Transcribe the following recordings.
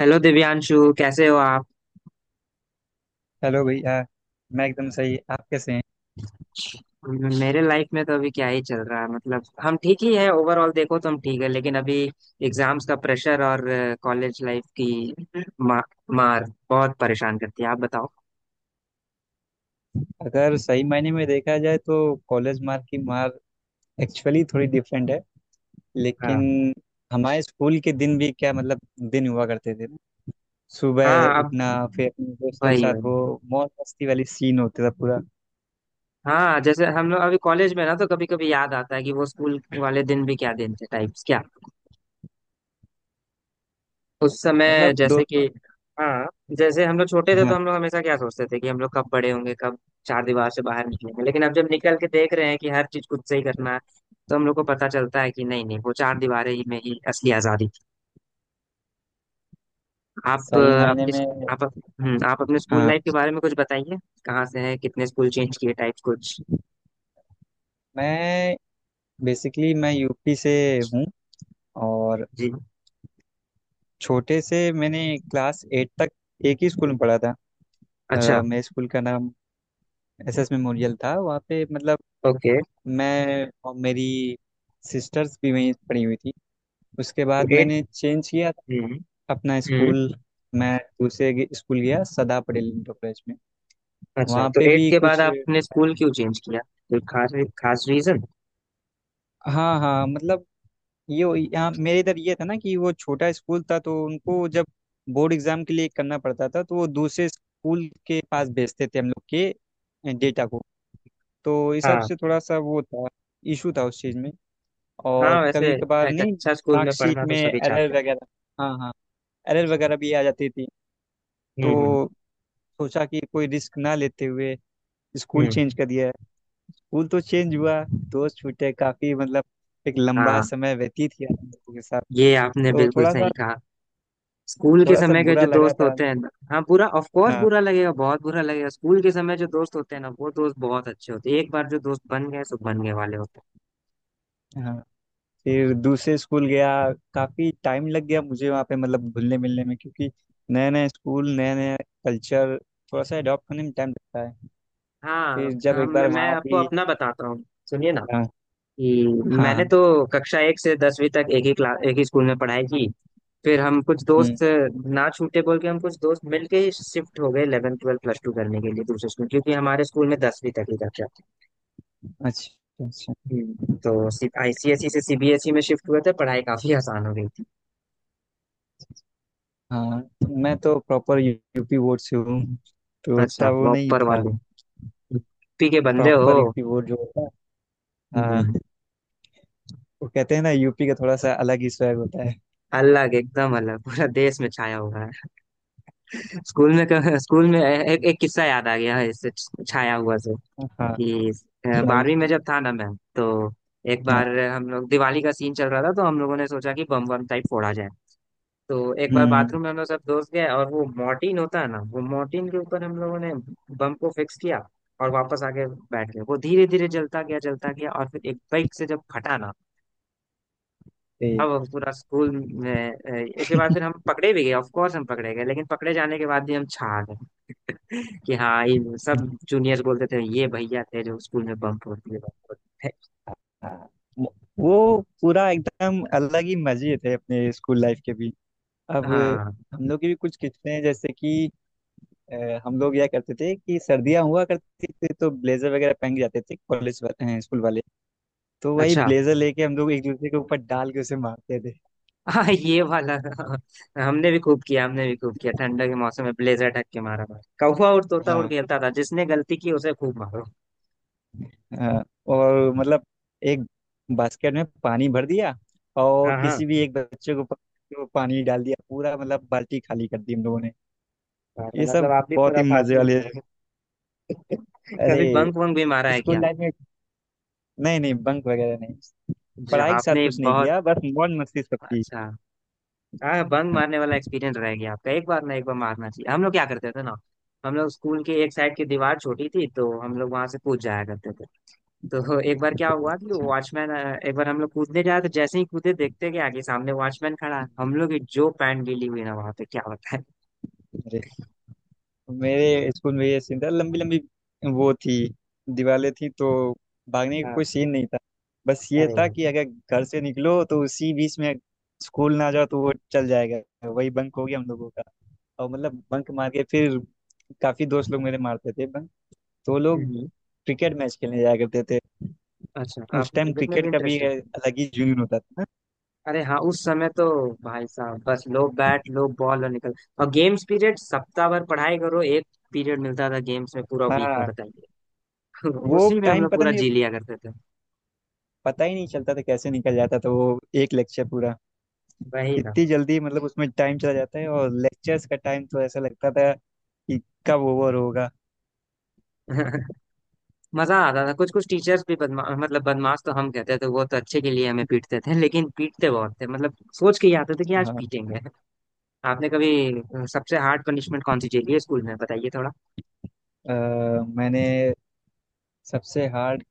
Hello Divyanshu कैसे हो आप। हेलो भैया। मैं एकदम सही, आप कैसे हैं? मेरे लाइफ में तो अभी क्या ही चल रहा है, मतलब हम ठीक ही है। ओवरऑल देखो तो हम ठीक है, लेकिन अभी एग्जाम्स का प्रेशर और कॉलेज लाइफ की मा, मार बहुत परेशान करती है। आप बताओ। अगर सही मायने में देखा जाए तो कॉलेज मार्क की मार एक्चुअली थोड़ी डिफरेंट है। लेकिन हाँ। हमारे स्कूल के दिन भी क्या, मतलब दिन हुआ करते थे ना। सुबह हाँ, अब उठना, फिर अपने दोस्तों के वही साथ वही। वो मौज मस्ती वाली सीन होता था पूरा। हाँ, जैसे हम लोग अभी कॉलेज में ना, तो कभी कभी याद आता है कि वो स्कूल वाले दिन भी क्या दिन थे टाइप्स क्या। उस समय मतलब जैसे कि दोस्तों। हाँ, जैसे हम लोग छोटे थे तो हाँ, हम लोग हमेशा क्या सोचते थे कि हम लोग कब बड़े होंगे, कब चार दीवार से बाहर निकलेंगे। लेकिन अब जब निकल के देख रहे हैं कि हर चीज खुद से ही करना है, तो हम लोग को पता चलता है कि नहीं नहीं, वो चार दीवारें ही में ही असली आजादी थी। आप सही अ, मायने अपनी में। आप अप- आप अपने स्कूल हाँ। लाइफ के बारे में कुछ बताइए। कहाँ से हैं, कितने स्कूल चेंज किए टाइप्स कुछ। मैं बेसिकली मैं यूपी से हूँ। और जी। छोटे से मैंने क्लास 8 तक एक ही स्कूल में पढ़ा था। अच्छा। मेरे स्कूल का नाम एसएस मेमोरियल था, वहाँ पे मतलब ओके। मैं और मेरी सिस्टर्स भी वहीं पढ़ी हुई थी। उसके तो बाद एट। मैंने चेंज किया हम्म। अपना हम्म। स्कूल। मैं दूसरे स्कूल गया, सदा पटेल इंटर कॉलेज में। अच्छा, वहाँ तो पे एट भी के बाद कुछ। आपने स्कूल क्यों चेंज किया, कोई खास खास रीजन। हाँ हाँ, मतलब ये यहाँ मेरे इधर ये था ना कि वो छोटा स्कूल था, तो उनको जब बोर्ड एग्जाम के लिए करना पड़ता था तो वो दूसरे स्कूल के पास भेजते थे हम लोग के डेटा को। तो इस हिसाब हाँ से थोड़ा सा वो था, इशू था उस चीज़ में। हाँ। और वैसे कभी कभार एक नहीं अच्छा स्कूल में मार्कशीट पढ़ना तो में सभी एरर चाहते हैं। वगैरह। हाँ हाँ, एरर वगैरह भी आ जाती थी। हम्म। हम्म। तो सोचा कि कोई रिस्क ना लेते हुए स्कूल हम्म। चेंज कर दिया। स्कूल तो चेंज हुआ, दोस्त छूटे काफी, मतलब एक लंबा हाँ, समय व्यतीत किया हम लोगों के साथ। ये आपने तो बिल्कुल थोड़ा सा सही कहा। स्कूल के समय के बुरा जो लगा दोस्त था। होते हैं हाँ, बुरा, ऑफ कोर्स हाँ बुरा लगेगा, बहुत बुरा लगेगा। स्कूल के समय जो दोस्त होते हैं ना, वो दोस्त बहुत अच्छे होते हैं, एक बार जो दोस्त बन गए सो बन गए वाले होते हाँ। फिर दूसरे स्कूल गया। काफी टाइम लग गया मुझे वहाँ पे मतलब घुलने मिलने में, क्योंकि नया नया स्कूल, नया नया कल्चर। थोड़ा सा अडॉप्ट होने में टाइम लगता है। हैं। हाँ, फिर जब हम एक बार मैं वहाँ आपको भी अपना बताता हूँ। सुनिए ना हाँ, कि हाँ मैंने हाँ। तो कक्षा एक से दसवीं तक एक ही क्लास एक ही स्कूल में पढ़ाई की। फिर हम कुछ हम्म, दोस्त ना छूटे बोल के हम कुछ दोस्त मिलके ही शिफ्ट हो गए 11 ट्वेल्थ प्लस टू करने के लिए दूसरे स्कूल, क्योंकि हमारे स्कूल में दसवीं तक ही कक्षा थी। अच्छा अच्छा। हम्म। तो आईसीएसई से सीबीएसई में शिफ्ट हुए थे, पढ़ाई काफी आसान हो गई थी। हाँ, मैं तो प्रॉपर यूपी बोर्ड से हूँ, तो अच्छा, उतना वो नहीं प्रॉपर था। वाले यूपी के बंदे हो। प्रॉपर यूपी बोर्ड जो होता है, हम्म। हाँ। वो कहते हैं ना, यूपी का थोड़ा सा अलग ही स्वैग होता है। अलग, एकदम अलग, पूरा देश में छाया हुआ है। स्कूल में, स्कूल में एक किस्सा याद आ गया है इससे, छाया हुआ से हाँ, कि सुनाइए बारहवीं में सुनाइए। जब था ना मैं, तो एक हाँ। बार हम लोग, दिवाली का सीन चल रहा था तो हम लोगों ने सोचा कि बम बम टाइप फोड़ा जाए। तो एक बार हम्म। बाथरूम में हम लोग सब दोस्त गए, और वो मॉर्टिन होता है ना, वो मॉर्टिन के ऊपर हम लोगों ने बम को फिक्स किया, और वापस आके बैठ गए। वो धीरे धीरे जलता गया जलता गया, और फिर एक बाइक से जब फटा ना, ए, अब हम पूरा स्कूल में उसके बाद फिर हम पकड़े भी गए, ऑफ कोर्स हम पकड़े गए, लेकिन पकड़े जाने के बाद भी हम छा गए। कि हाँ, ये सब जूनियर्स बोलते थे, ये भैया थे जो स्कूल में बम फोड़ते थे। हाँ, वो वो पूरा एकदम अलग ही मजे थे अपने स्कूल लाइफ के भी। अब हाँ। हम लोग की भी कुछ किस्से हैं, जैसे कि हम लोग यह करते थे कि सर्दियाँ हुआ करती थी तो ब्लेजर वगैरह पहन के जाते थे कॉलेज, स्कूल वाले। तो वही अच्छा। ब्लेजर लेके हम लोग एक दूसरे के ऊपर डाल के उसे मारते थे। हाँ, ये वाला हमने भी खूब किया, हमने भी खूब किया। ठंडा के मौसम में ब्लेजर ढक के मारा मार कौवा और तोता और हाँ, खेलता था, जिसने गलती की उसे खूब मारो। हाँ, और मतलब एक बास्केट में पानी भर दिया हाँ और हाँ। किसी भी एक बच्चे को पकड़ के वो पानी डाल दिया पूरा, मतलब बाल्टी खाली कर दी हम लोगों ने। बाप रे, ये मतलब सब आप भी बहुत ही मजे खुराफाती ही वाले। थे। अरे, कभी बंक वंक भी मारा है स्कूल क्या। लाइफ में नहीं नहीं, बंक वगैरह नहीं। जी, पढ़ाई के साथ आपने कुछ नहीं बहुत किया, बस मौज मस्ती सबकी। अच्छा। हाँ, बंक मारने वाला एक्सपीरियंस रह गया आपका, एक बार ना एक बार मारना चाहिए। हम लोग क्या करते थे ना, हम लोग स्कूल के एक साइड की दीवार छोटी थी तो हम लोग वहां से कूद जाया करते थे। तो एक बार क्या हुआ कि वॉचमैन, एक बार हम लोग कूदने जाए तो जैसे ही कूदे देखते कि आगे सामने वॉचमैन खड़ा है। हम लोग की जो पैंट गीली हुई ना वहां पे क्या होता है। अच्छा, मेरे स्कूल में ये सीन था। लंबी लंबी वो थी, दीवारें थी, तो भागने का हाँ। कोई सीन नहीं था। बस ये अरे। था कि अगर घर से निकलो तो उसी बीच में स्कूल ना जाओ तो वो चल जाएगा, वही बंक हो गया हम लोगों का। और मतलब बंक मार के फिर काफी दोस्त लोग मेरे मारते थे बंक, तो वो लोग हम्म। क्रिकेट मैच खेलने जाया करते थे। अच्छा, उस आपको टाइम क्रिकेट में भी क्रिकेट का भी इंटरेस्ट है। अलग ही जुनून होता था। अरे हाँ, उस समय तो भाई साहब, बस लो बैट लो बॉल और निकल। और गेम्स पीरियड, सप्ताह भर पढ़ाई करो, एक पीरियड मिलता था गेम्स में पूरा वीक में, हाँ, बताइए। वो उसी में हम टाइम लोग पता पूरा नहीं, जी लिया करते थे। पता ही नहीं चलता था कैसे निकल जाता था वो एक लेक्चर पूरा। वही ना। इतनी जल्दी, मतलब उसमें टाइम चला जाता है, और लेक्चर्स का टाइम तो ऐसा लगता था कि कब ओवर होगा। मजा आता था, कुछ कुछ टीचर्स भी बदमा मतलब बदमाश, तो हम कहते थे वो तो अच्छे के लिए हमें पीटते थे, लेकिन पीटते बहुत थे, मतलब सोच के ही आते थे कि आज हाँ। पीटेंगे। आपने कभी सबसे हार्ड पनिशमेंट कौन सी झेली है स्कूल में, बताइए थोड़ा। अ, मैंने सबसे हार्ड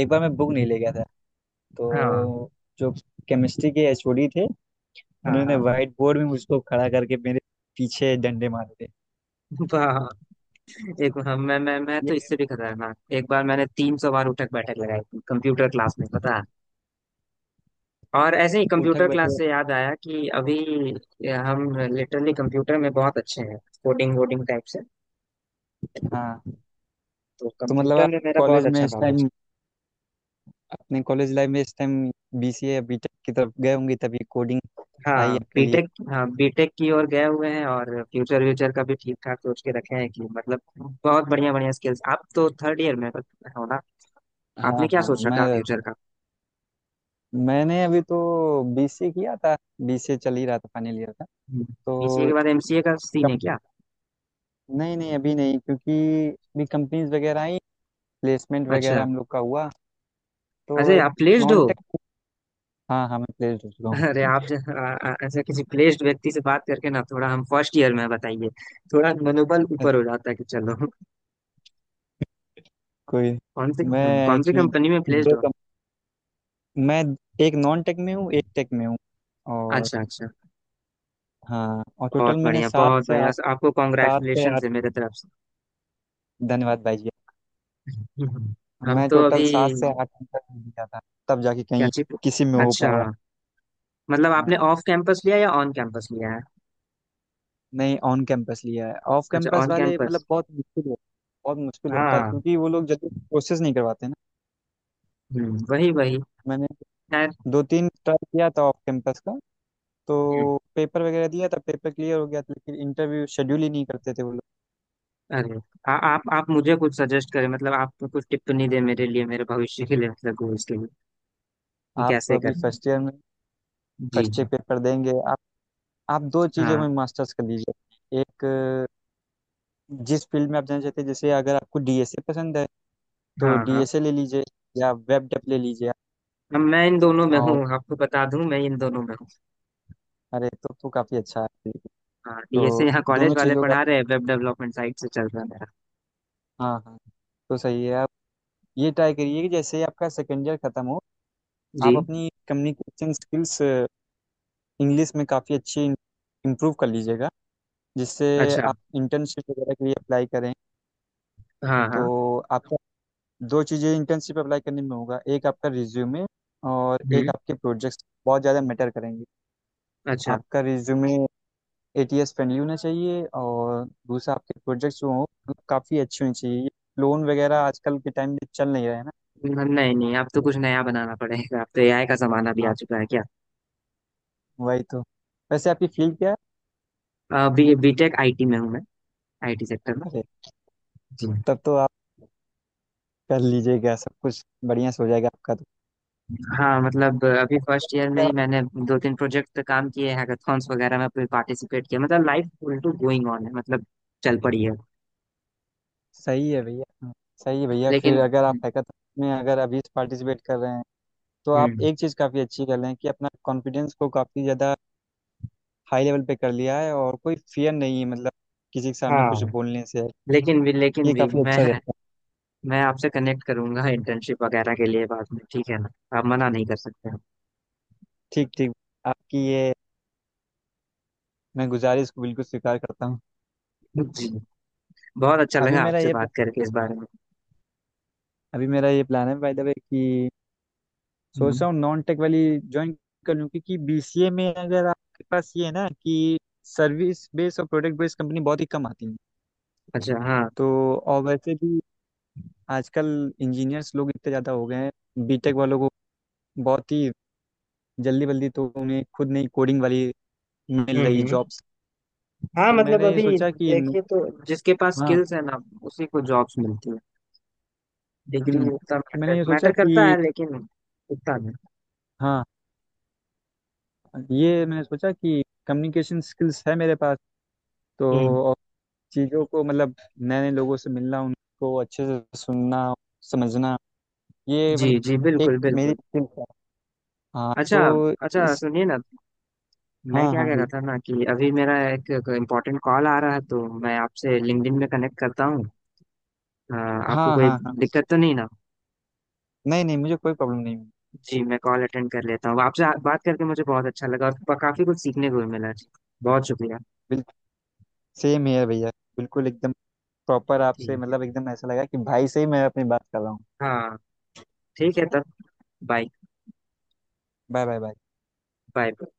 एक बार मैं बुक नहीं ले गया था, हाँ तो जो केमिस्ट्री के एचओडी थे, हाँ उन्होंने हाँ। व्हाइट बोर्ड में मुझको खड़ा करके मेरे पीछे डंडे मारे थे। वाह। एक हम मैं तो ये इससे भी खतरनाक, एक बार मैंने 300 बार उठक बैठक लगाई थी कंप्यूटर क्लास में, पता है। और ऐसे ही उठक कंप्यूटर क्लास बैठक। से याद आया कि अभी हम लिटरली कंप्यूटर में बहुत अच्छे हैं, कोडिंग वोडिंग टाइप से। हाँ तो तो मतलब कंप्यूटर आप में मेरा कॉलेज बहुत में अच्छा इस नॉलेज। टाइम, अपने कॉलेज लाइफ में इस टाइम बीसीए या बीटेक की तरफ गए होंगे, तभी कोडिंग आई हाँ, आपके लिए। बीटेक। हाँ, बीटेक की ओर गए हुए हैं, और फ्यूचर व्यूचर का भी ठीक ठाक सोच के रखे हैं कि, मतलब बहुत बढ़िया बढ़िया स्किल्स। आप तो थर्ड ईयर में हो ना। आपने हाँ क्या हाँ, सोच रखा फ्यूचर का। मैंने अभी तो बीसीए किया था। बीसीए चल ही रहा था, फाइनल ईयर था। बीसीए के तो बाद एमसीए का सीन है कम, क्या। नहीं नहीं, अभी नहीं, क्योंकि अभी कंपनीज वगैरह आई, प्लेसमेंट वगैरह अच्छा। हम लोग का हुआ, तो अरे, एक आप प्लेस्ड नॉन हो। टेक। हाँ हाँ, मैं प्लेस्ड हो चुका अरे हूँ। आप ऐसे किसी प्लेस्ड व्यक्ति से बात करके ना थोड़ा, हम फर्स्ट ईयर में हैं, बताइए, थोड़ा मनोबल अरे, ऊपर हो जाता है कि चलो। कोई। कौन सी, मैं कौन सी एक्चुअली कंपनी में प्लेस्ड दो हो। कम मैं एक नॉन टेक में हूँ, एक टेक में हूँ। और अच्छा अच्छा। हाँ, और टोटल बहुत मैंने बढ़िया सात बहुत से बढ़िया, आठ। आपको सात से कॉन्ग्रेचुलेशन है आठ, मेरे तरफ से। धन्यवाद भाई जी। हम्म। हम मैं तो अभी टोटल 7 से 8 घंटा दिया था, तब जाके क्या कहीं चीज। किसी में हो अच्छा, पाया। मतलब आपने ऑफ कैंपस लिया या ऑन कैंपस लिया है। नहीं, ऑन कैंपस लिया है। ऑफ अच्छा, कैंपस ऑन वाले कैंपस। मतलब बहुत मुश्किल होता है हाँ। क्योंकि वो लोग जल्दी प्रोसेस नहीं करवाते ना। वही वही। मैंने खैर। दो तीन ट्राई किया था ऑफ कैंपस का। तो हम्म। पेपर वगैरह दिया था, पेपर क्लियर हो गया था, लेकिन इंटरव्यू शेड्यूल ही नहीं करते थे वो लोग। अरे, आप मुझे कुछ सजेस्ट करें, मतलब आप कुछ टिप्पणी दें मेरे लिए, मेरे भविष्य के लिए, मतलब गोल्स के लिए, कि आप कैसे अभी करना है। फर्स्ट ईयर में, जी फर्स्ट जी। ईयर पेपर देंगे आप। आप दो चीज़ों हाँ में मास्टर्स कर लीजिए, एक जिस फील्ड में आप जाना चाहते हैं, जैसे अगर आपको डीएसए पसंद है तो हाँ हाँ। डीएसए ले लीजिए या वेब डेप ले लीजिए। अब मैं इन दोनों में हूँ, और आपको बता दूं, मैं इन दोनों में हूँ। अरे तो काफ़ी अच्छा है। हाँ, ये तो से यहाँ दोनों कॉलेज वाले चीज़ों का, पढ़ा रहे हैं, वेब डेवलपमेंट साइट से चल रहा है मेरा। हाँ हाँ, तो सही है। आप ये ट्राई करिए कि जैसे ही आपका सेकेंड ईयर खत्म हो, जी। आप अपनी कम्युनिकेशन स्किल्स इंग्लिश में काफ़ी अच्छी इम्प्रूव कर लीजिएगा, जिससे अच्छा। आप इंटर्नशिप वगैरह के लिए अप्लाई करें। हाँ तो हाँ। आपका दो चीज़ें इंटर्नशिप अप्लाई करने में होगा, एक आपका रिज्यूमे और एक हम्म। आपके प्रोजेक्ट्स बहुत ज़्यादा मैटर करेंगे। अच्छा। आपका रिज्यूमे एटीएस फ्रेंडली होना चाहिए, और दूसरा आपके प्रोजेक्ट्स जो हों काफ़ी अच्छे होने चाहिए। लोन वगैरह आजकल के टाइम में चल नहीं रहे हैं ना, नहीं नहीं, अब तो कुछ तो नया बनाना पड़ेगा, अब तो एआई का जमाना भी आ हाँ, चुका है क्या। वही तो। वैसे आपकी फील्ड क्या है? अभी बीटेक आईटी में हूँ मैं, आईटी सेक्टर में। अरे, जी। तब तो आप कर लीजिएगा, सब कुछ बढ़िया से हो जाएगा आपका तो। हाँ, मतलब अभी फर्स्ट ईयर में अगर ही आप- मैंने दो तीन प्रोजेक्ट पे काम किए, हैकाथॉन्स वगैरह में पार्टिसिपेट किया, मतलब life full to going on है, मतलब चल पड़ी है। सही है भैया। हाँ, सही है भैया। लेकिन। फिर अगर आप हैकाथॉन में अगर अभी पार्टिसिपेट कर रहे हैं तो आप हम्म। एक चीज़ काफ़ी अच्छी कर रहे हैं कि अपना कॉन्फिडेंस को काफ़ी ज़्यादा हाई लेवल पे कर लिया है और कोई फियर नहीं है, मतलब किसी के सामने कुछ हाँ। बोलने से लेकिन ये भी काफ़ी अच्छा रहता है। मैं आपसे कनेक्ट करूंगा इंटर्नशिप वगैरह के लिए बाद में, ठीक है ना, आप मना नहीं कर सकते ठीक ठीक। आपकी ये मैं गुजारिश को बिल्कुल स्वीकार करता हूँ। हैं। जी, बहुत अच्छा अभी लगा मेरा आपसे ये बात प्लान करके इस बारे में। अभी मेरा ये प्लान है बाय द वे कि सोच हम्म। रहा हूँ नॉन टेक वाली ज्वाइन कर लूँ, क्योंकि बीसीए में अगर आपके पास ये है ना कि सर्विस बेस्ड और प्रोडक्ट बेस्ड कंपनी बहुत ही कम आती है। अच्छा। हाँ। तो और वैसे भी आजकल इंजीनियर्स लोग इतने ज़्यादा हो गए हैं, बीटेक वालों को बहुत ही जल्दी बल्दी तो उन्हें खुद नहीं कोडिंग वाली मिल हम्म। रही हम्म। जॉब्स। हाँ, तो मतलब मैंने ये अभी सोचा कि न- देखिए, तो जिसके पास हाँ। स्किल्स है ना उसी को जॉब्स मिलती है, डिग्री हम्म, उतना तो मैंने मैटर ये सोचा मैटर करता कि है, लेकिन उतना नहीं। हाँ, ये मैंने सोचा कि कम्युनिकेशन स्किल्स है मेरे पास, हम्म। तो चीज़ों को मतलब नए नए लोगों से मिलना, उनको अच्छे से सुनना, समझना, ये जी जी, मतलब बिल्कुल एक मेरी बिल्कुल। स्किल है। हाँ अच्छा। तो अच्छा इस, सुनिए ना, मैं हाँ क्या हाँ कह भैया। रहा था ना कि अभी मेरा एक इम्पोर्टेंट कॉल आ रहा है, तो मैं आपसे लिंक्डइन में कनेक्ट करता हूँ। आपको हाँ कोई हाँ हाँ, दिक्कत तो नहीं ना। नहीं नहीं, मुझे कोई प्रॉब्लम नहीं हुई। जी, मैं कॉल अटेंड कर लेता हूँ, आपसे बात करके मुझे बहुत अच्छा लगा, और काफी कुछ सीखने को भी मिला जी। बहुत शुक्रिया। बिल्कुल सेम है भैया, बिल्कुल एकदम प्रॉपर आपसे, ठीक है। मतलब एकदम ऐसा लगा कि भाई से ही मैं अपनी बात कर रहा हूँ। हाँ। ठीक है तब। Bye. Bye bye bye. Bye.